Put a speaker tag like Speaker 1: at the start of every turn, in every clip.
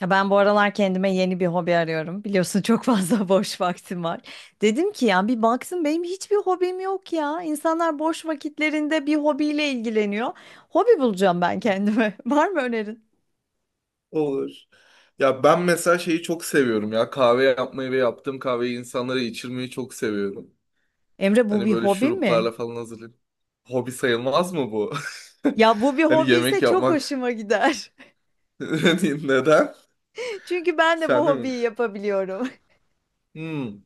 Speaker 1: Ya ben bu aralar kendime yeni bir hobi arıyorum. Biliyorsun çok fazla boş vaktim var. Dedim ki ya bir baksın benim hiçbir hobim yok ya. İnsanlar boş vakitlerinde bir hobiyle ilgileniyor. Hobi bulacağım ben kendime. Var mı önerin?
Speaker 2: Olur. Ya ben mesela şeyi çok seviyorum ya kahve yapmayı ve yaptığım kahveyi insanlara içirmeyi çok seviyorum.
Speaker 1: Emre bu
Speaker 2: Hani
Speaker 1: bir
Speaker 2: böyle
Speaker 1: hobi
Speaker 2: şuruplarla
Speaker 1: mi?
Speaker 2: falan hazırlayıp. Hobi sayılmaz mı bu?
Speaker 1: Ya bu bir
Speaker 2: Hani
Speaker 1: hobi
Speaker 2: yemek
Speaker 1: ise çok
Speaker 2: yapmak
Speaker 1: hoşuma gider.
Speaker 2: neden?
Speaker 1: Çünkü ben de bu
Speaker 2: Sen de mi?
Speaker 1: hobiyi yapabiliyorum.
Speaker 2: Hmm.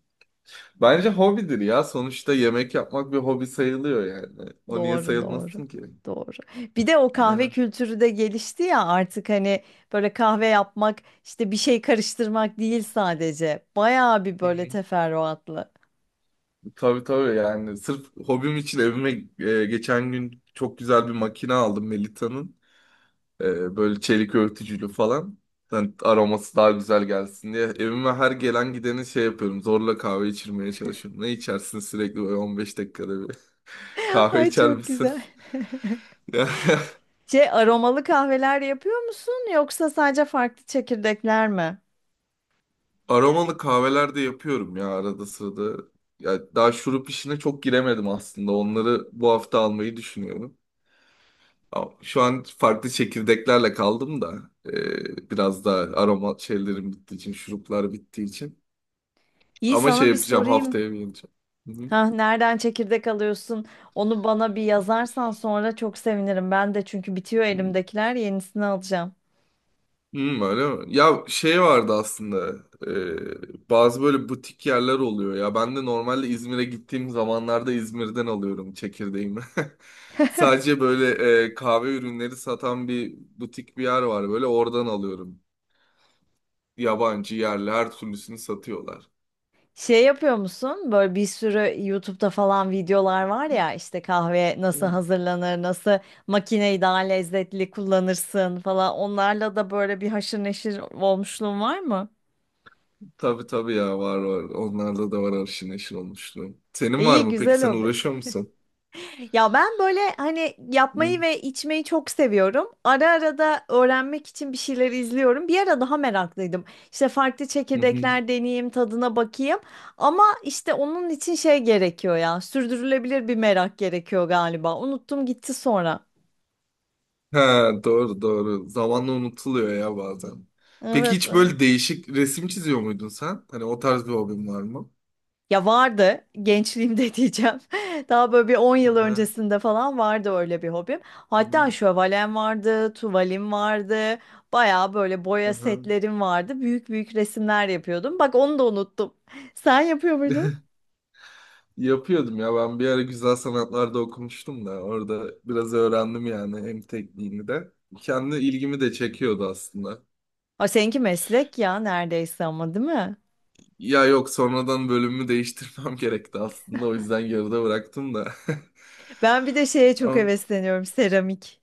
Speaker 2: Bence hobidir ya. Sonuçta yemek yapmak bir hobi sayılıyor yani. O niye
Speaker 1: Doğru, doğru.
Speaker 2: sayılmasın ki?
Speaker 1: Doğru. Bir de o kahve
Speaker 2: Ya.
Speaker 1: kültürü de gelişti ya artık hani böyle kahve yapmak işte bir şey karıştırmak değil sadece. Bayağı bir
Speaker 2: Hı
Speaker 1: böyle
Speaker 2: hı.
Speaker 1: teferruatlı.
Speaker 2: Tabii tabii yani. Sırf hobim için evime geçen gün çok güzel bir makine aldım Melita'nın. Böyle çelik örtücülü falan. Yani aroması daha güzel gelsin diye. Evime her gelen gideni şey yapıyorum. Zorla kahve içirmeye çalışıyorum. Ne içersin sürekli böyle 15 dakikada bir. Kahve
Speaker 1: Ay
Speaker 2: içer
Speaker 1: çok
Speaker 2: misin?
Speaker 1: güzel.
Speaker 2: Ya,
Speaker 1: Şey aromalı kahveler yapıyor musun yoksa sadece farklı çekirdekler mi?
Speaker 2: aromalı kahveler de yapıyorum ya arada sırada. Ya daha şurup işine çok giremedim aslında. Onları bu hafta almayı düşünüyorum. Ama şu an farklı çekirdeklerle kaldım da. Biraz daha aroma şeylerim bittiği için, şuruplar bittiği için.
Speaker 1: İyi
Speaker 2: Ama şey
Speaker 1: sana bir
Speaker 2: yapacağım,
Speaker 1: sorayım.
Speaker 2: haftaya bir ineceğim. Hı hı.
Speaker 1: Ha, nereden çekirdek alıyorsun? Onu bana bir yazarsan sonra çok sevinirim. Ben de çünkü bitiyor elimdekiler yenisini alacağım.
Speaker 2: Hmm, öyle mi? Ya şey vardı aslında, bazı böyle butik yerler oluyor ya, ben de normalde İzmir'e gittiğim zamanlarda İzmir'den alıyorum çekirdeğimi. Sadece böyle kahve ürünleri satan bir butik bir yer var böyle, oradan alıyorum. Yabancı yerli her türlüsünü satıyorlar.
Speaker 1: Şey yapıyor musun? Böyle bir sürü YouTube'da falan videolar var ya işte kahve nasıl
Speaker 2: Hmm.
Speaker 1: hazırlanır, nasıl makineyi daha lezzetli kullanırsın falan. Onlarla da böyle bir haşır neşir olmuşluğun var mı?
Speaker 2: Tabii tabii ya, var var, onlarda da var arşın neşir olmuşluğu. Senin var
Speaker 1: İyi,
Speaker 2: mı peki,
Speaker 1: güzel
Speaker 2: sen
Speaker 1: o.
Speaker 2: uğraşıyor musun?
Speaker 1: Ya ben böyle hani
Speaker 2: Hı
Speaker 1: yapmayı ve içmeyi çok seviyorum. Ara ara da öğrenmek için bir şeyler izliyorum. Bir ara daha meraklıydım. İşte farklı
Speaker 2: hı.
Speaker 1: çekirdekler deneyeyim, tadına bakayım. Ama işte onun için şey gerekiyor ya. Sürdürülebilir bir merak gerekiyor galiba. Unuttum gitti sonra.
Speaker 2: Ha, doğru doğru. Zamanla unutuluyor ya bazen. Peki
Speaker 1: Evet,
Speaker 2: hiç
Speaker 1: evet.
Speaker 2: böyle değişik resim çiziyor muydun sen? Hani o tarz bir hobin var mı?
Speaker 1: Ya vardı gençliğimde diyeceğim. Daha böyle bir 10 yıl
Speaker 2: Aha.
Speaker 1: öncesinde falan vardı öyle bir hobim. Hatta şövalem vardı, tuvalim vardı. Baya böyle boya
Speaker 2: Aha.
Speaker 1: setlerim vardı. Büyük büyük resimler yapıyordum. Bak onu da unuttum. Sen yapıyor muydun?
Speaker 2: Yapıyordum ya, ben bir ara güzel sanatlarda okumuştum da, orada biraz öğrendim yani hem tekniğini de. Kendi ilgimi de çekiyordu aslında.
Speaker 1: Ha seninki meslek ya neredeyse ama değil mi?
Speaker 2: Ya yok, sonradan bölümümü değiştirmem gerekti aslında, o yüzden yarıda bıraktım da.
Speaker 1: Ben bir de şeye çok
Speaker 2: Ama
Speaker 1: hevesleniyorum seramik.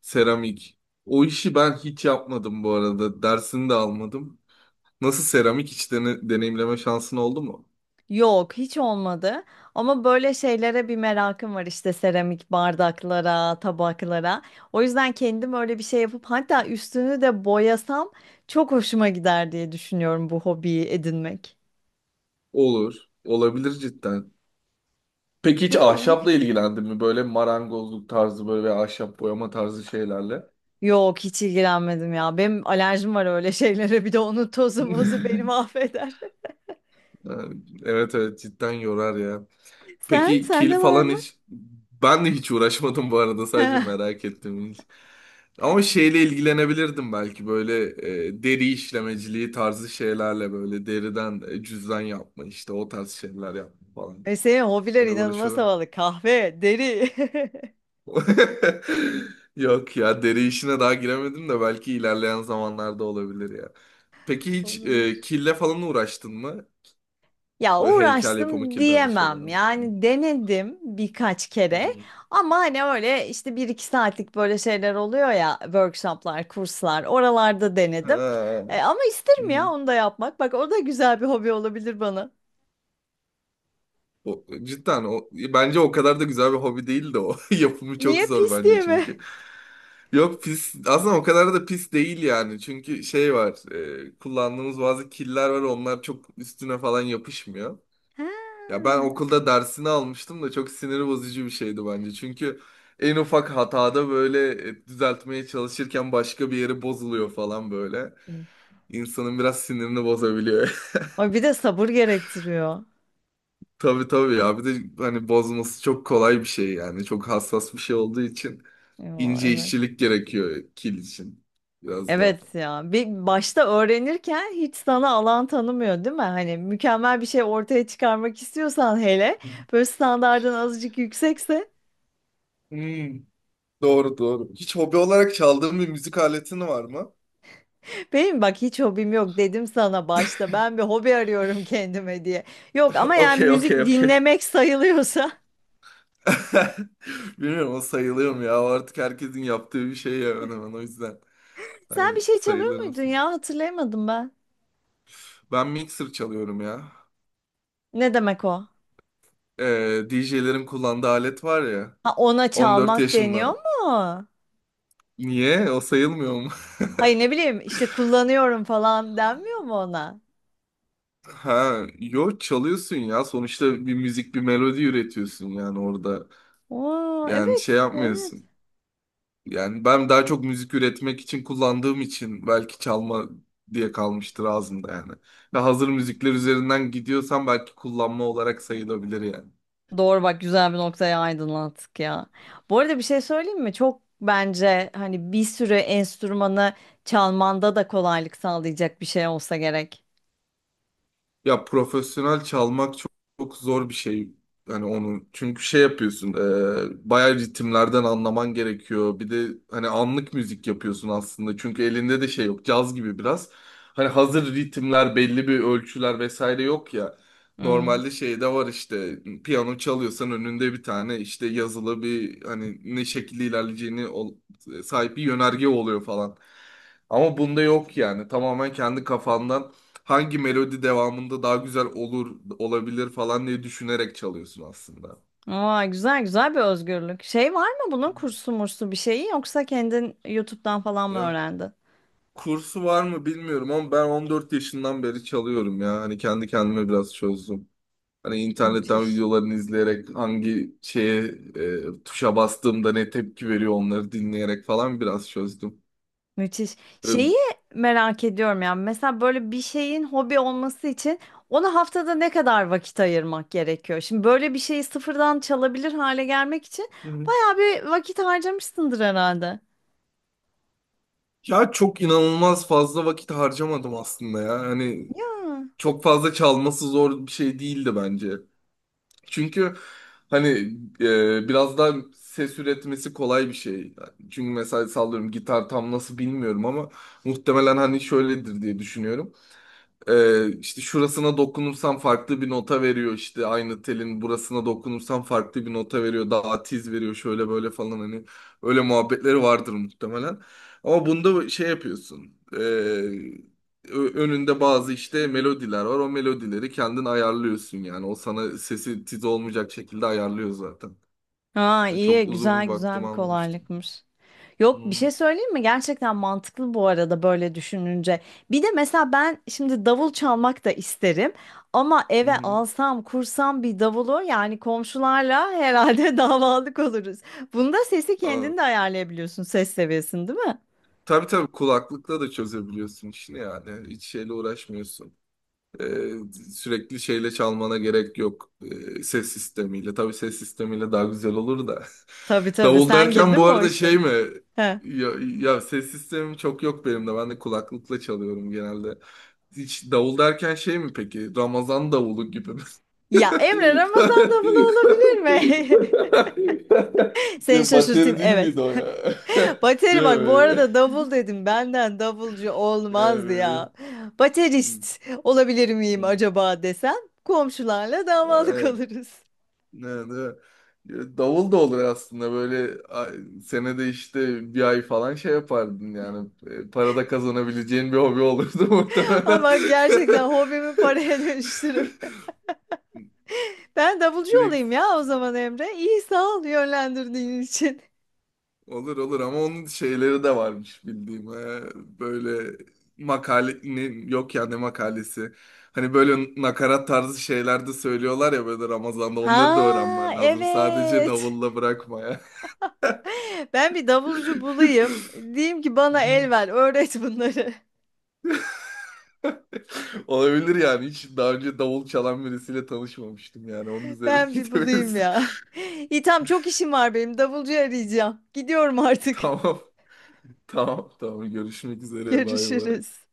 Speaker 2: seramik. O işi ben hiç yapmadım bu arada. Dersini de almadım. Nasıl, seramik hiç deneyimleme şansın oldu mu?
Speaker 1: Yok, hiç olmadı. Ama böyle şeylere bir merakım var işte seramik bardaklara, tabaklara. O yüzden kendim öyle bir şey yapıp hatta üstünü de boyasam çok hoşuma gider diye düşünüyorum bu hobiyi edinmek.
Speaker 2: Olur. Olabilir cidden. Peki hiç
Speaker 1: Değil mi? İyi
Speaker 2: ahşapla
Speaker 1: fikir.
Speaker 2: ilgilendin mi? Böyle marangozluk tarzı böyle veya ahşap boyama tarzı şeylerle.
Speaker 1: Yok, hiç ilgilenmedim ya. Benim alerjim var öyle şeylere. Bir de onun tozu mozu beni mahveder.
Speaker 2: Evet evet, cidden yorar ya.
Speaker 1: Sen,
Speaker 2: Peki kil
Speaker 1: sende var
Speaker 2: falan
Speaker 1: mı?
Speaker 2: hiç... Ben de hiç uğraşmadım bu arada, sadece
Speaker 1: Heh.
Speaker 2: merak ettim. Ama şeyle ilgilenebilirdim belki, böyle deri işlemeciliği tarzı şeylerle, böyle deriden cüzdan yapma, işte o tarz şeyler yapma falan.
Speaker 1: E senin hobiler
Speaker 2: Hani
Speaker 1: inanılmaz
Speaker 2: uğraşıyorlar.
Speaker 1: havalı. Kahve, deri.
Speaker 2: Yok ya, deri işine daha giremedim de, belki ilerleyen zamanlarda olabilir ya. Peki hiç
Speaker 1: Olabilir.
Speaker 2: kille falan uğraştın mı?
Speaker 1: Ya
Speaker 2: Böyle heykel yapımı,
Speaker 1: uğraştım
Speaker 2: kil tarzı şeyler.
Speaker 1: diyemem. Yani denedim birkaç
Speaker 2: Hı
Speaker 1: kere
Speaker 2: hı.
Speaker 1: ama hani öyle işte bir iki saatlik böyle şeyler oluyor ya workshoplar, kurslar oralarda denedim.
Speaker 2: Ha.
Speaker 1: Ama
Speaker 2: Hı
Speaker 1: isterim ya
Speaker 2: hı.
Speaker 1: onu da yapmak. Bak o da güzel bir hobi olabilir bana.
Speaker 2: O cidden, o bence o kadar da güzel bir hobi değil de o. Yapımı çok
Speaker 1: Niye
Speaker 2: zor
Speaker 1: pis
Speaker 2: bence
Speaker 1: diye mi?
Speaker 2: çünkü. Yok pis, aslında o kadar da pis değil yani. Çünkü şey var, kullandığımız bazı killer var, onlar çok üstüne falan yapışmıyor.
Speaker 1: Ha.
Speaker 2: Ya ben okulda dersini almıştım da, çok sinir bozucu bir şeydi bence. Çünkü en ufak hatada böyle, düzeltmeye çalışırken başka bir yeri bozuluyor falan böyle. İnsanın biraz sinirini bozabiliyor.
Speaker 1: Ay bir de sabır gerektiriyor.
Speaker 2: Tabii tabii ya, bir de hani bozması çok kolay bir şey yani. Çok hassas bir şey olduğu için
Speaker 1: Yo,
Speaker 2: ince
Speaker 1: evet.
Speaker 2: işçilik gerekiyor kil için biraz daha.
Speaker 1: Evet ya. Bir başta öğrenirken hiç sana alan tanımıyor değil mi? Hani mükemmel bir şey ortaya çıkarmak istiyorsan hele böyle standardın azıcık yüksekse
Speaker 2: Hmm, doğru doğru. Hiç hobi olarak çaldığın bir müzik aletin var mı?
Speaker 1: benim bak hiç hobim yok dedim sana başta. Ben bir hobi arıyorum kendime diye. Yok ama yani
Speaker 2: Okey
Speaker 1: müzik
Speaker 2: okey okey.
Speaker 1: dinlemek sayılıyorsa.
Speaker 2: Bilmiyorum, o sayılıyor mu ya? O artık herkesin yaptığı bir şey ya, hemen hemen. O yüzden.
Speaker 1: Sen bir
Speaker 2: Hani
Speaker 1: şey çalıyor
Speaker 2: sayılır
Speaker 1: muydun
Speaker 2: mısın?
Speaker 1: ya? Hatırlayamadım ben.
Speaker 2: Ben mixer çalıyorum ya.
Speaker 1: Ne demek o?
Speaker 2: DJ'lerin kullandığı alet var ya.
Speaker 1: Ha ona
Speaker 2: 14
Speaker 1: çalmak deniyor
Speaker 2: yaşımda.
Speaker 1: mu?
Speaker 2: Niye? O sayılmıyor mu?
Speaker 1: Hayır ne bileyim işte kullanıyorum falan denmiyor mu ona?
Speaker 2: Ha, yo çalıyorsun ya. Sonuçta bir müzik, bir melodi üretiyorsun yani orada.
Speaker 1: Oo,
Speaker 2: Yani şey
Speaker 1: evet, evet.
Speaker 2: yapmıyorsun. Yani ben daha çok müzik üretmek için kullandığım için belki çalma diye kalmıştır ağzımda yani. Ve hazır müzikler üzerinden gidiyorsam belki kullanma olarak sayılabilir yani.
Speaker 1: Doğru bak güzel bir noktaya aydınlattık ya. Bu arada bir şey söyleyeyim mi? Çok bence hani bir sürü enstrümanı çalmanda da kolaylık sağlayacak bir şey olsa gerek.
Speaker 2: Ya profesyonel çalmak çok, çok zor bir şey. Hani onu çünkü şey yapıyorsun, bayağı ritimlerden anlaman gerekiyor. Bir de hani anlık müzik yapıyorsun aslında. Çünkü elinde de şey yok, caz gibi biraz. Hani hazır ritimler, belli bir ölçüler vesaire yok ya.
Speaker 1: Hmm.
Speaker 2: Normalde şeyde var, işte piyano çalıyorsan önünde bir tane işte yazılı bir, hani ne şekilde ilerleyeceğini sahip bir yönerge oluyor falan. Ama bunda yok yani. Tamamen kendi kafandan hangi melodi devamında daha güzel olur olabilir falan diye düşünerek çalıyorsun aslında.
Speaker 1: Aa, güzel güzel bir özgürlük. Şey var mı bunun kursu mursu bir şeyi yoksa kendin YouTube'dan falan mı
Speaker 2: Ya
Speaker 1: öğrendin?
Speaker 2: kursu var mı bilmiyorum, ama ben 14 yaşından beri çalıyorum ya. Hani kendi kendime biraz çözdüm. Hani internetten
Speaker 1: Müthiş.
Speaker 2: videolarını izleyerek hangi şeye, tuşa bastığımda ne tepki veriyor onları dinleyerek falan biraz çözdüm.
Speaker 1: Müthiş.
Speaker 2: E,
Speaker 1: Şeyi merak ediyorum yani mesela böyle bir şeyin hobi olması için ona haftada ne kadar vakit ayırmak gerekiyor? Şimdi böyle bir şeyi sıfırdan çalabilir hale gelmek için
Speaker 2: Hı hı.
Speaker 1: bayağı bir vakit harcamışsındır herhalde.
Speaker 2: Ya çok inanılmaz fazla vakit harcamadım aslında ya. Hani
Speaker 1: Ya.
Speaker 2: çok fazla çalması zor bir şey değildi bence. Çünkü hani biraz daha ses üretmesi kolay bir şey. Çünkü mesela sallıyorum, gitar tam nasıl bilmiyorum ama muhtemelen hani şöyledir diye düşünüyorum. İşte şurasına dokunursam farklı bir nota veriyor, işte aynı telin burasına dokunursam farklı bir nota veriyor, daha tiz veriyor şöyle böyle falan, hani öyle muhabbetleri vardır muhtemelen. Ama bunda şey yapıyorsun, önünde bazı işte melodiler var, o melodileri kendin ayarlıyorsun yani, o sana sesi tiz olmayacak şekilde ayarlıyor zaten.
Speaker 1: Aa
Speaker 2: Yani çok
Speaker 1: iyi
Speaker 2: uzun
Speaker 1: güzel
Speaker 2: bir
Speaker 1: güzel
Speaker 2: vaktimi
Speaker 1: bir
Speaker 2: almamıştım.
Speaker 1: kolaylıkmış. Yok bir
Speaker 2: Hı
Speaker 1: şey söyleyeyim mi? Gerçekten mantıklı bu arada böyle düşününce. Bir de mesela ben şimdi davul çalmak da isterim ama
Speaker 2: hı.
Speaker 1: eve
Speaker 2: Hı.
Speaker 1: alsam kursam bir davulu yani komşularla herhalde davalık oluruz. Bunda sesi
Speaker 2: Aa,
Speaker 1: kendin de ayarlayabiliyorsun ses seviyesini değil mi?
Speaker 2: tabii tabii, kulaklıkla da çözebiliyorsun işini yani, hiç şeyle uğraşmıyorsun. Ee, Sürekli şeyle çalmana gerek yok. Ses sistemiyle. Tabii ses sistemiyle daha güzel olur da.
Speaker 1: Tabii tabii
Speaker 2: Davul
Speaker 1: sen
Speaker 2: derken
Speaker 1: girdin
Speaker 2: bu
Speaker 1: mi o
Speaker 2: arada şey
Speaker 1: işlere?
Speaker 2: mi?
Speaker 1: He.
Speaker 2: Ya, ya ses sistemim çok yok benim de. Ben de kulaklıkla çalıyorum genelde. Hiç davul derken şey mi peki? Ramazan davulu gibi mi?
Speaker 1: Ya Emre Ramazan davulu olabilir mi? Seni
Speaker 2: Ya
Speaker 1: şaşırtayım
Speaker 2: bateri değil
Speaker 1: evet.
Speaker 2: miydi o ya?
Speaker 1: Bateri
Speaker 2: Değil
Speaker 1: bak bu
Speaker 2: mi?
Speaker 1: arada davul dedim. Benden davulcu
Speaker 2: Yani
Speaker 1: olmaz
Speaker 2: böyle-
Speaker 1: ya.
Speaker 2: Hmm,
Speaker 1: Baterist olabilir miyim acaba desem komşularla davalık
Speaker 2: hmm.
Speaker 1: oluruz.
Speaker 2: Ne, ne- Davul da olur aslında, böyle ay- senede işte bir ay falan şey yapardın yani. Para da kazanabileceğin bir hobi olurdu muhtemelen.
Speaker 1: Ama gerçekten hobimi paraya dönüştürüp ben davulcu olayım
Speaker 2: Direkt
Speaker 1: ya o zaman Emre. İyi sağ ol yönlendirdiğin için.
Speaker 2: olur olur, ama onun şeyleri de varmış bildiğim. Böyle makale ne- yok ya ne makalesi, hani böyle nakarat tarzı şeyler de söylüyorlar ya böyle Ramazan'da, onları da
Speaker 1: Ha
Speaker 2: öğrenmen lazım, sadece
Speaker 1: evet.
Speaker 2: davulla bırakma ya.
Speaker 1: Ben bir davulcu bulayım. Diyeyim ki bana el ver, öğret bunları.
Speaker 2: Olabilir yani. Hiç daha önce davul çalan birisiyle tanışmamıştım yani. Onun üzerine
Speaker 1: Ben bir bulayım
Speaker 2: gidebiliriz.
Speaker 1: ya. İyi tamam çok işim var benim. Davulcu arayacağım. Gidiyorum artık.
Speaker 2: Tamam. Tamam. Tamam. Görüşmek üzere. Bay bay.
Speaker 1: Görüşürüz.